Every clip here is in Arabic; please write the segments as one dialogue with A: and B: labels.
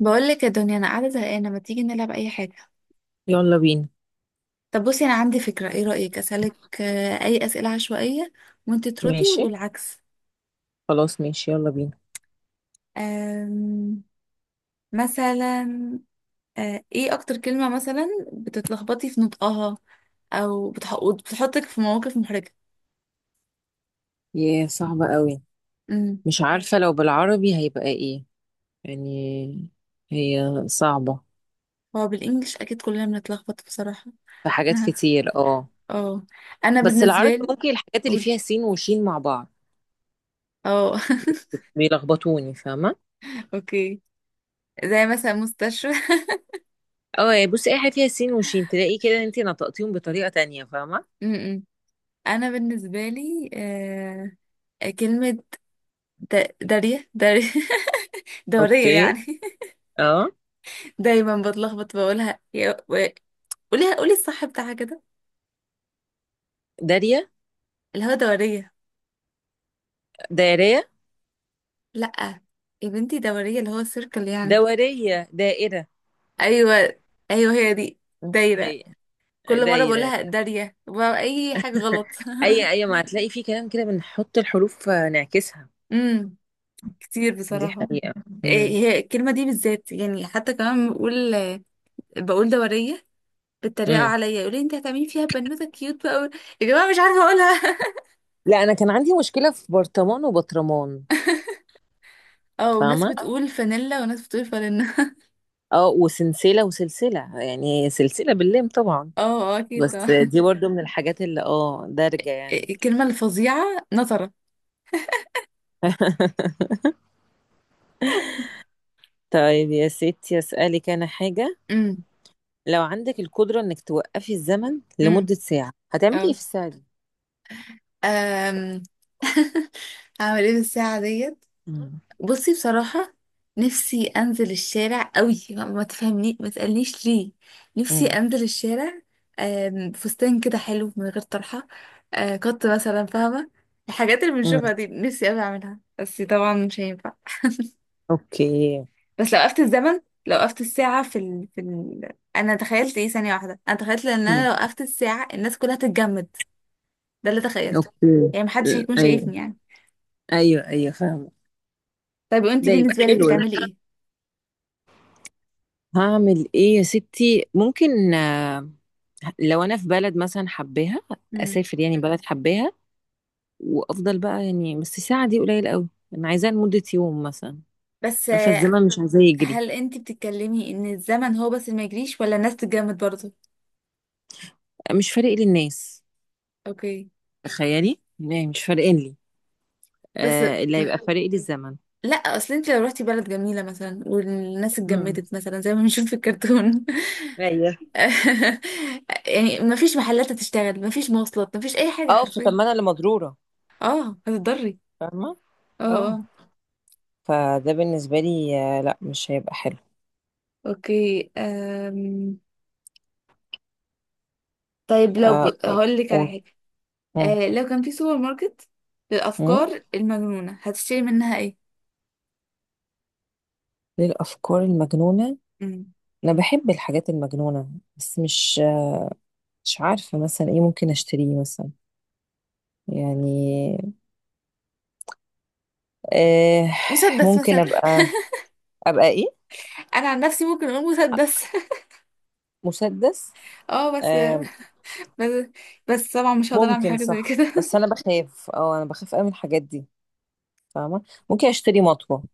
A: بقول لك يا دنيا، انا قاعده زهقانه. ما تيجي نلعب اي حاجه؟
B: يلا بينا.
A: طب بصي، انا عندي فكره. ايه رايك اسالك اي اسئله عشوائيه وانت تردي
B: ماشي،
A: والعكس.
B: خلاص ماشي يلا بينا.
A: آم، مثلا ايه اكتر كلمه مثلا بتتلخبطي في نطقها او بتحطك في مواقف محرجه؟
B: ياه، صعبة قوي.
A: امم
B: مش عارفة لو بالعربي هيبقى ايه يعني، هي صعبة.
A: هو بالانجلش اكيد كلنا بنتلخبط بصراحه.
B: في حاجات كتير، اه.
A: اه، انا
B: بس
A: بالنسبه
B: العربي
A: لي.
B: ممكن الحاجات اللي
A: قولي.
B: فيها سين وشين مع بعض
A: اه.
B: بيلخبطوني، فاهمة؟
A: اوكي، زي مثلا مستشفى.
B: اه يعني، بصي اي حاجة فيها سين وشين تلاقي كده انت نطقتيهم بطريقة تانية، فاهمة؟
A: م-م. انا بالنسبه لي كلمه داريه. دوريه
B: اوكي.
A: يعني.
B: اه،
A: دايما بتلخبط بقولها قوليها، قولي الصح بتاعها كده.
B: دارية،
A: اللي هو دوريه.
B: دايرية،
A: لا، يا بنتي دوريه اللي هو سيركل يعني.
B: دورية، دائرة.
A: ايوه، ايوه هي دي دايره.
B: هي
A: كل مره
B: دايرة.
A: بقولها داريه، بقى اي حاجه غلط.
B: اي اي ما هتلاقي فيه كلام كده بنحط الحروف، نعكسها.
A: امم كتير
B: دي
A: بصراحه.
B: حقيقة.
A: إيه،
B: امم.
A: هي الكلمه دي بالذات يعني. حتى كمان بقول، بقول دوريه. بيتريقوا
B: امم.
A: عليا يقولوا لي انت هتعملي فيها بنوته كيوت بقى أوي. يا جماعه مش عارفه اقولها.
B: لا انا كان عندي مشكلة في برطمان وبطرمان،
A: اه، وناس
B: فاهمة؟
A: بتقول فانيلا وناس بتقول فانيلا.
B: اه، وسلسلة وسلسلة يعني سلسلة باللام طبعا.
A: اه اه، اكيد
B: بس
A: طبعا.
B: دي برضو من الحاجات اللي دارجة يعني.
A: الكلمه الفظيعه نظره.
B: طيب يا ستي، اسألك انا حاجة.
A: امم.
B: لو عندك القدرة انك توقفي الزمن
A: امم.
B: لمدة ساعة هتعملي ايه
A: اه.
B: في الساعة دي؟
A: أم. هعمل ايه بالساعه ديت؟
B: امم.
A: بصي بصراحة، نفسي أنزل الشارع قوي. ما تفهمني، ما تسألنيش ليه. نفسي
B: امم.
A: أنزل الشارع فستان كده حلو من غير طرحة، قط مثلا، فاهمة؟ الحاجات اللي
B: امم.
A: بنشوفها دي نفسي أوي أعملها، بس طبعا مش هينفع.
B: اوكي.
A: بس لو وقفت الزمن، لو وقفت الساعة أنا تخيلت إيه ثانية واحدة، أنا تخيلت إن أنا
B: مم.
A: لو وقفت الساعة الناس كلها تتجمد. ده اللي تخيلته.
B: اوكي.
A: يعني محدش هيكون
B: ايوه،
A: شايفني يعني.
B: ايوه، ايوه، فاهمة.
A: طيب وأنتي
B: ده يبقى
A: بالنسبة لك
B: حلو ده.
A: هتعملي إيه؟
B: هعمل ايه يا ستي ممكن لو انا في بلد مثلا حباها،
A: مم.
B: اسافر يعني بلد حباها وافضل بقى يعني، بس الساعه دي قليل قوي. انا عايزاها لمده يوم مثلا.
A: بس
B: عارفه الزمن مش عايزاه يجري.
A: هل انت بتتكلمي ان الزمن هو بس اللي ما يجريش ولا الناس تتجمد برضه؟
B: مش فارق لي الناس،
A: اوكي.
B: تخيلي يعني، مش فارقين لي.
A: بس
B: اللي
A: م-
B: هيبقى فارق لي الزمن.
A: لا، اصل انت لو رحتي بلد جميله مثلا والناس
B: مم.
A: اتجمدت مثلا زي ما بنشوف في الكرتون،
B: ايوه.
A: يعني ما فيش محلات تشتغل، ما فيش مواصلات، ما فيش اي حاجه
B: اه، فطب
A: حرفيا.
B: ما انا اللي مضروره،
A: اه، هتضري.
B: فاهمه.
A: اه
B: اه،
A: اه.
B: فده بالنسبه لي لا مش هيبقى حلو.
A: اوكي. أم... طيب
B: آه،
A: هقول لك على
B: قول.
A: حاجه.
B: مم.
A: أه، لو كان في سوبر ماركت
B: مم.
A: للافكار المجنونه هتشتري منها ايه؟
B: للافكار المجنونه.
A: مم.
B: انا بحب الحاجات المجنونه، بس مش عارفة مثلا ايه ممكن اشتريه مثلا، يعني آه
A: مسدس
B: ممكن
A: مثلا.
B: ابقى ابقى ايه،
A: انا عن نفسي ممكن اقول مسدس.
B: مسدس.
A: اه، بس.
B: آه
A: بس. بس طبعا مش هقدر اعمل
B: ممكن
A: حاجه زي
B: صح،
A: كده.
B: بس انا بخاف اه انا بخاف قوي من الحاجات دي، فاهمة. ممكن اشتري مطوة،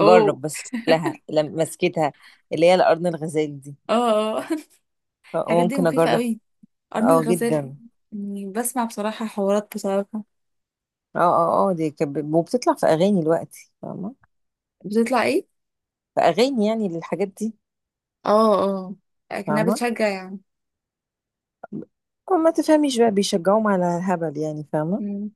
A: اوه.
B: بس لها، مسكتها اللي هي القرن الغزال دي،
A: اه اه. الحاجات دي
B: ممكن
A: مخيفه
B: اجرب.
A: قوي. قرن
B: اه،
A: الغزال
B: جدا.
A: يعني. بسمع بصراحه حوارات بصراحه.
B: اه، اه، اه، دي كانت وبتطلع في اغاني دلوقتي، فاهمة؟
A: بتطلع ايه؟
B: في اغاني يعني للحاجات دي.
A: اه اه. لكنها
B: فاهمة،
A: بتشجع يعني.
B: ما تفهميش بقى، بيشجعوهم على الهبل يعني، فاهمة.
A: مم.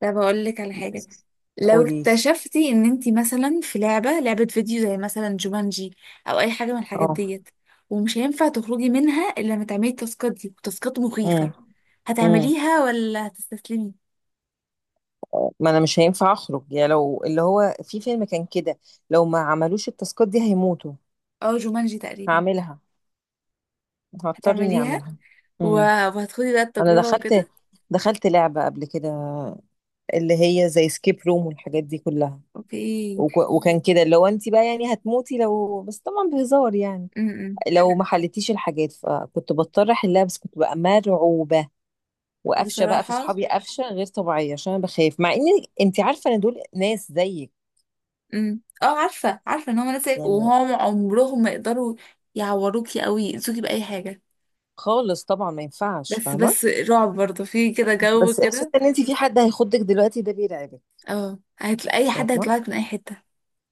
A: طب اقول لك على حاجه.
B: بس.
A: لو
B: قولي لي.
A: اكتشفتي ان انتي مثلا في لعبه فيديو زي مثلا جومانجي، او اي حاجه من الحاجات
B: اه.
A: ديت، ومش هينفع تخرجي منها الا لما تعملي التاسكات دي، والتاسكات مخيفه،
B: امم. امم.
A: هتعمليها ولا هتستسلمي؟
B: ما انا مش هينفع اخرج، يا لو اللي هو في فيلم كان كده، لو ما عملوش التاسكات دي هيموتوا.
A: اه، جومانجي تقريبا.
B: هعملها، هضطر اني
A: هتعمليها
B: اعملها.
A: و-
B: امم.
A: وهتخدي بقى
B: انا
A: التجربة
B: دخلت
A: وكده.
B: دخلت لعبة قبل كده، اللي هي زي سكيب روم والحاجات دي كلها.
A: اوكي.
B: وكان كده لو انت بقى يعني هتموتي لو، بس طبعا بهزار يعني،
A: امم،
B: لو ما حلتيش الحاجات فكنت بضطر احلها، بس كنت بقى مرعوبة. وقفشه بقى في
A: بصراحة.
B: صحابي قفشه غير طبيعيه، عشان انا بخاف، مع ان انت عارفه ان دول ناس زيك،
A: امم، اه، عارفة، عارفة ان هما ناس،
B: يعني
A: وهم عمرهم ما يقدروا يعوروكي او يأذوكي بأي حاجة.
B: خالص طبعا ما ينفعش،
A: بس
B: فاهمه.
A: بس رعب برضه في كده، جو
B: بس احساس
A: كده.
B: ان انت في حد هيخضك دلوقتي ده بيرعبك.
A: اه، هتلاقي اي حد
B: فاهمه،
A: هيطلعك من اي حتة.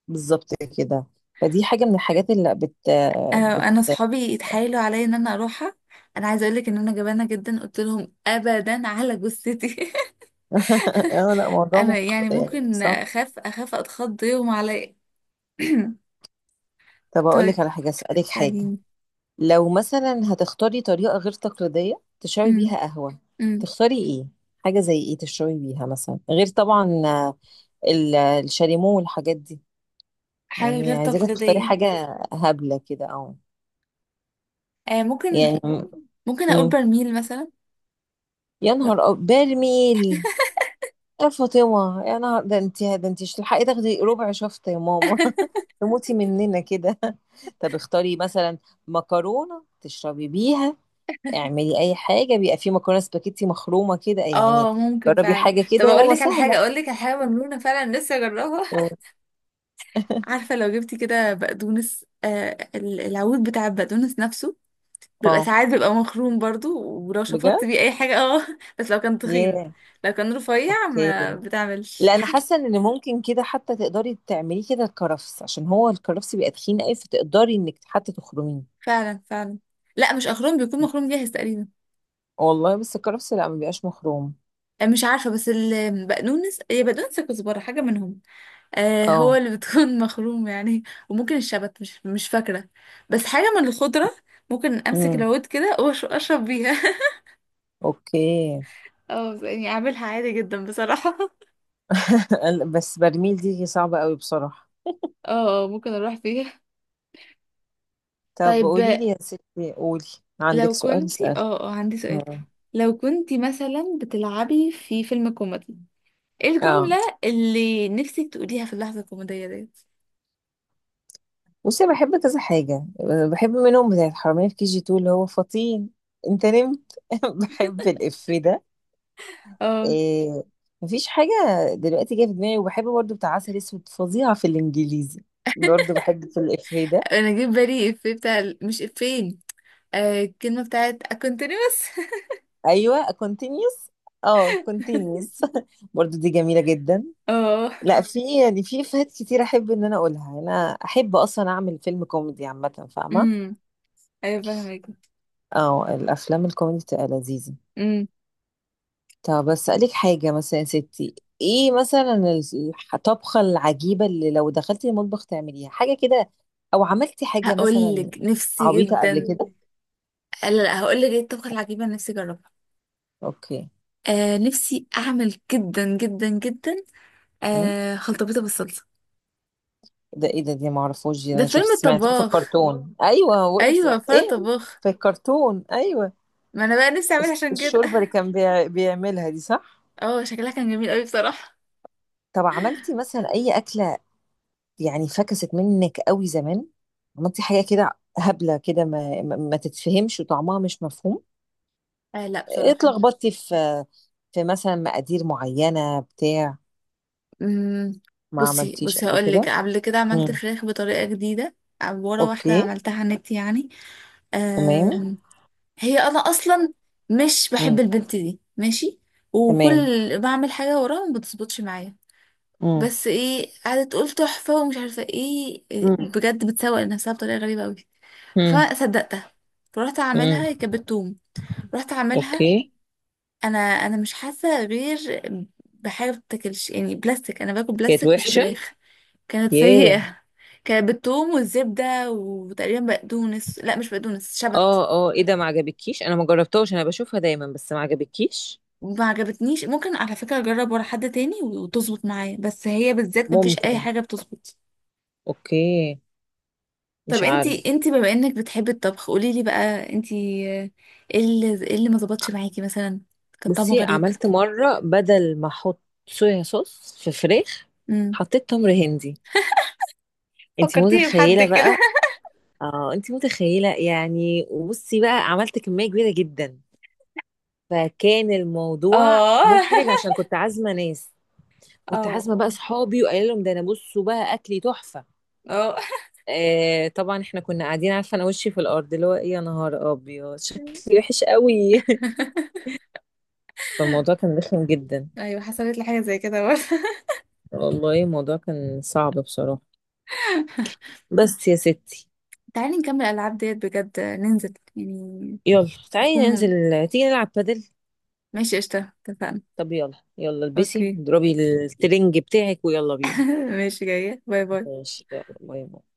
B: بالظبط كده. فدي حاجه من الحاجات اللي بت
A: انا
B: بت
A: انا صحابي اتحايلوا عليا ان انا اروحها. انا عايزه اقول لك ان انا جبانه جدا. قلت لهم ابدا على جثتي.
B: اه، لا، موضوع
A: انا يعني
B: يعني
A: ممكن
B: صعب.
A: اخاف، اتخض يوم عليا.
B: طب اقول لك
A: طيب
B: على حاجه، اسالك حاجه.
A: اسأليني.
B: لو مثلا هتختاري طريقه غير تقليديه تشربي
A: امم.
B: بيها قهوه،
A: امم.
B: تختاري ايه؟ حاجه زي ايه تشربي بيها مثلا غير طبعا الشاليمو والحاجات دي.
A: حاجة
B: يعني
A: غير
B: عايزاك تختاري
A: تقليدية.
B: حاجة هبلة كده أو،
A: آه، ممكن.
B: يعني.
A: ممكن أقول
B: مم.
A: برميل مثلا.
B: يا نهار برميل. يا فاطمة يا نهار ده، انت مش تلحقي تاخدي ربع شفطة يا ماما. تموتي مننا كده. طب اختاري مثلا مكرونة تشربي بيها، اعملي أي حاجة، بيبقى في مكرونة سباكيتي مخرومة كده يعني.
A: اه، ممكن
B: جربي
A: فعلا.
B: حاجة
A: طب
B: كده يا ماما، سهلة.
A: اقول لك على حاجه مجنونه فعلا لسه جربها.
B: مم.
A: عارفه لو جبتي كده بقدونس، العود بتاع البقدونس نفسه بيبقى
B: اه،
A: ساعات، بيبقى مخروم برضو، ولو
B: بجد؟
A: شفطت بيه اي حاجه اه. بس لو كان تخين.
B: ياه.
A: لو كان رفيع
B: اوكي.
A: ما بتعملش.
B: لا، انا حاسه ان ممكن كده حتى تقدري تعمليه كده الكرفس، عشان هو الكرفس بيبقى تخين قوي فتقدري انك حتى تخرميه.
A: فعلا، فعلا. لا مش اخروم، بيكون مخروم جاهز تقريبا.
B: والله بس الكرفس لا ما بيبقاش مخروم.
A: مش عارفه، بس البقدونس، هي بقدونس كزبره حاجه منهم. آه،
B: اه.
A: هو اللي بتكون مخروم يعني. وممكن الشبت، مش فاكرة، بس حاجة من الخضرة. ممكن أمسك
B: امم.
A: العود كده وأشرب بيها.
B: اوكي.
A: اه يعني أعملها عادي جدا بصراحة.
B: بس برميل دي صعبه قوي بصراحه.
A: اه، ممكن اروح فيها.
B: طب
A: طيب
B: قولي لي يا ستي، قولي. عندك
A: لو
B: سؤال،
A: كنتي،
B: اسال.
A: عندي سؤال.
B: مم.
A: لو كنتي مثلا بتلعبي في فيلم كوميدي، ايه
B: اه،
A: الجملة اللي نفسك تقوليها في اللحظة الكوميدية ديت؟
B: بصي بحب كذا حاجه. بحب منهم بتاعت حرامية في كي جي 2، اللي هو فطين. انت نمت. بحب الإف ده.
A: اه،
B: إيه، مفيش حاجة دلوقتي جاية في دماغي. وبحب برضو بتاع عسل اسود، فظيعة في الانجليزي. برضو بحب في الافيه ده.
A: انا جيت بالي افيه بتاع، مش افيه، آه الكلمة بتاعت continuous.
B: ايوه، continuous. اه، continuous. برضو دي جميلة جدا.
A: اه.
B: لا، في يعني في افيهات كتير احب ان انا اقولها. انا احب اصلا اعمل فيلم كوميدي عامة، فاهمة.
A: امم. ايوه فاهمك.
B: اه، الافلام الكوميدي بتبقى لذيذة.
A: امم.
B: طب أسألك حاجة مثلا يا ستي، ايه مثلا الطبخة العجيبة اللي لو دخلتي المطبخ تعمليها حاجة كده، او عملتي حاجة
A: هقول
B: مثلا
A: لك نفسي
B: عبيطة قبل
A: جدا.
B: كده.
A: لا لا، هقول لك ايه الطبخه العجيبه اللي نفسي اجربها.
B: اوكي.
A: آه نفسي اعمل جدا جدا جدا،
B: أم؟
A: آه خلطبيطه بالصلصه.
B: ده ايه ده، دي معرفوش دي.
A: ده
B: انا شفت
A: فيلم
B: سمعتها في
A: الطباخ،
B: الكرتون، ايوه بقولك.
A: ايوه فار
B: ايه،
A: الطباخ.
B: في الكرتون، ايوه.
A: ما انا بقى نفسي اعملها عشان كده.
B: الشوربة اللي كان بيعملها دي، صح.
A: اه، شكلها كان جميل قوي بصراحه.
B: طب عملتي مثلا اي أكلة يعني فكست منك قوي زمان؟ عملتي حاجة كده هبلة كده ما تتفهمش وطعمها مش مفهوم.
A: آه لا بصراحه.
B: اتلخبطتي في مثلا مقادير معينة بتاع
A: امم.
B: ما
A: بصي،
B: عملتيش
A: بصي
B: قبل
A: هقول لك،
B: كده.
A: قبل كده عملت
B: امم.
A: فراخ بطريقه جديده، ورا واحده
B: اوكي.
A: عملتها على النت يعني.
B: تمام.
A: آه. هي انا اصلا مش بحب
B: امم.
A: البنت دي، ماشي؟
B: تمام.
A: وكل، بعمل حاجه وراها ما بتظبطش معايا.
B: امم.
A: بس ايه، قعدت تقول تحفه ومش عارفه ايه،
B: امم.
A: بجد بتسوق لنفسها بطريقه غريبه قوي.
B: امم.
A: فصدقتها، فرحت
B: امم.
A: اعملها، هي كانت بتوم. رحت اعملها،
B: اوكي.
A: انا مش حاسه غير بحاجه ما بتاكلش يعني، بلاستيك. انا باكل
B: كانت
A: بلاستيك مش
B: وحشة.
A: فراخ. كانت
B: ياه.
A: سيئه. كانت بالثوم والزبده وتقريبا بقدونس، لا مش بقدونس، شبت.
B: اه، اه، ايه ده؟ ما عجبكيش؟ انا ما جربتهاش، انا بشوفها دايما، بس ما عجبكيش.
A: ما عجبتنيش. ممكن على فكرة اجرب ورا حد تاني وتظبط معايا، بس هي بالذات مفيش اي
B: ممكن.
A: حاجة بتظبط.
B: اوكي.
A: طب
B: مش
A: انتي،
B: عارف.
A: انتي بما انك بتحبي الطبخ قولي لي بقى انتي، آه، ايه اللي ما ظبطش معاكي مثلا، كان طعمه
B: بصي
A: غريب؟
B: عملت مرة بدل ما احط صويا صوص في فراخ،
A: امم.
B: حطيت تمر هندي. انت
A: فكرتيني بحد
B: متخيلة
A: كده.
B: بقى. اه انت متخيله يعني، وبصي بقى عملت كميه كبيره جدا. فكان الموضوع
A: اه.
B: محرج عشان كنت عازمه ناس،
A: اه
B: كنت عازمه بقى
A: اه
B: اصحابي وقايله لهم ده انا، بصوا بقى اكلي تحفه.
A: اه.
B: طبعا احنا كنا قاعدين، عارفه انا وشي في الارض اللي هو ايه، يا نهار ابيض شكلي وحش قوي. فالموضوع كان رخم جدا.
A: ايوه حصلت لي حاجه زي كده برضه.
B: والله الموضوع كان صعب بصراحه. بس يا ستي،
A: تعالي نكمل الالعاب ديت بجد، ننزل يعني.
B: يلا تعالي
A: هتكون مم-
B: ننزل. تيجي نلعب بادل؟
A: ماشي، قشطة، اتفقنا.
B: طب يلا، يلا البسي،
A: اوكي.
B: اضربي الترنج بتاعك ويلا بينا.
A: ماشي، جاية، باي باي.
B: ماشي يلا، باي باي.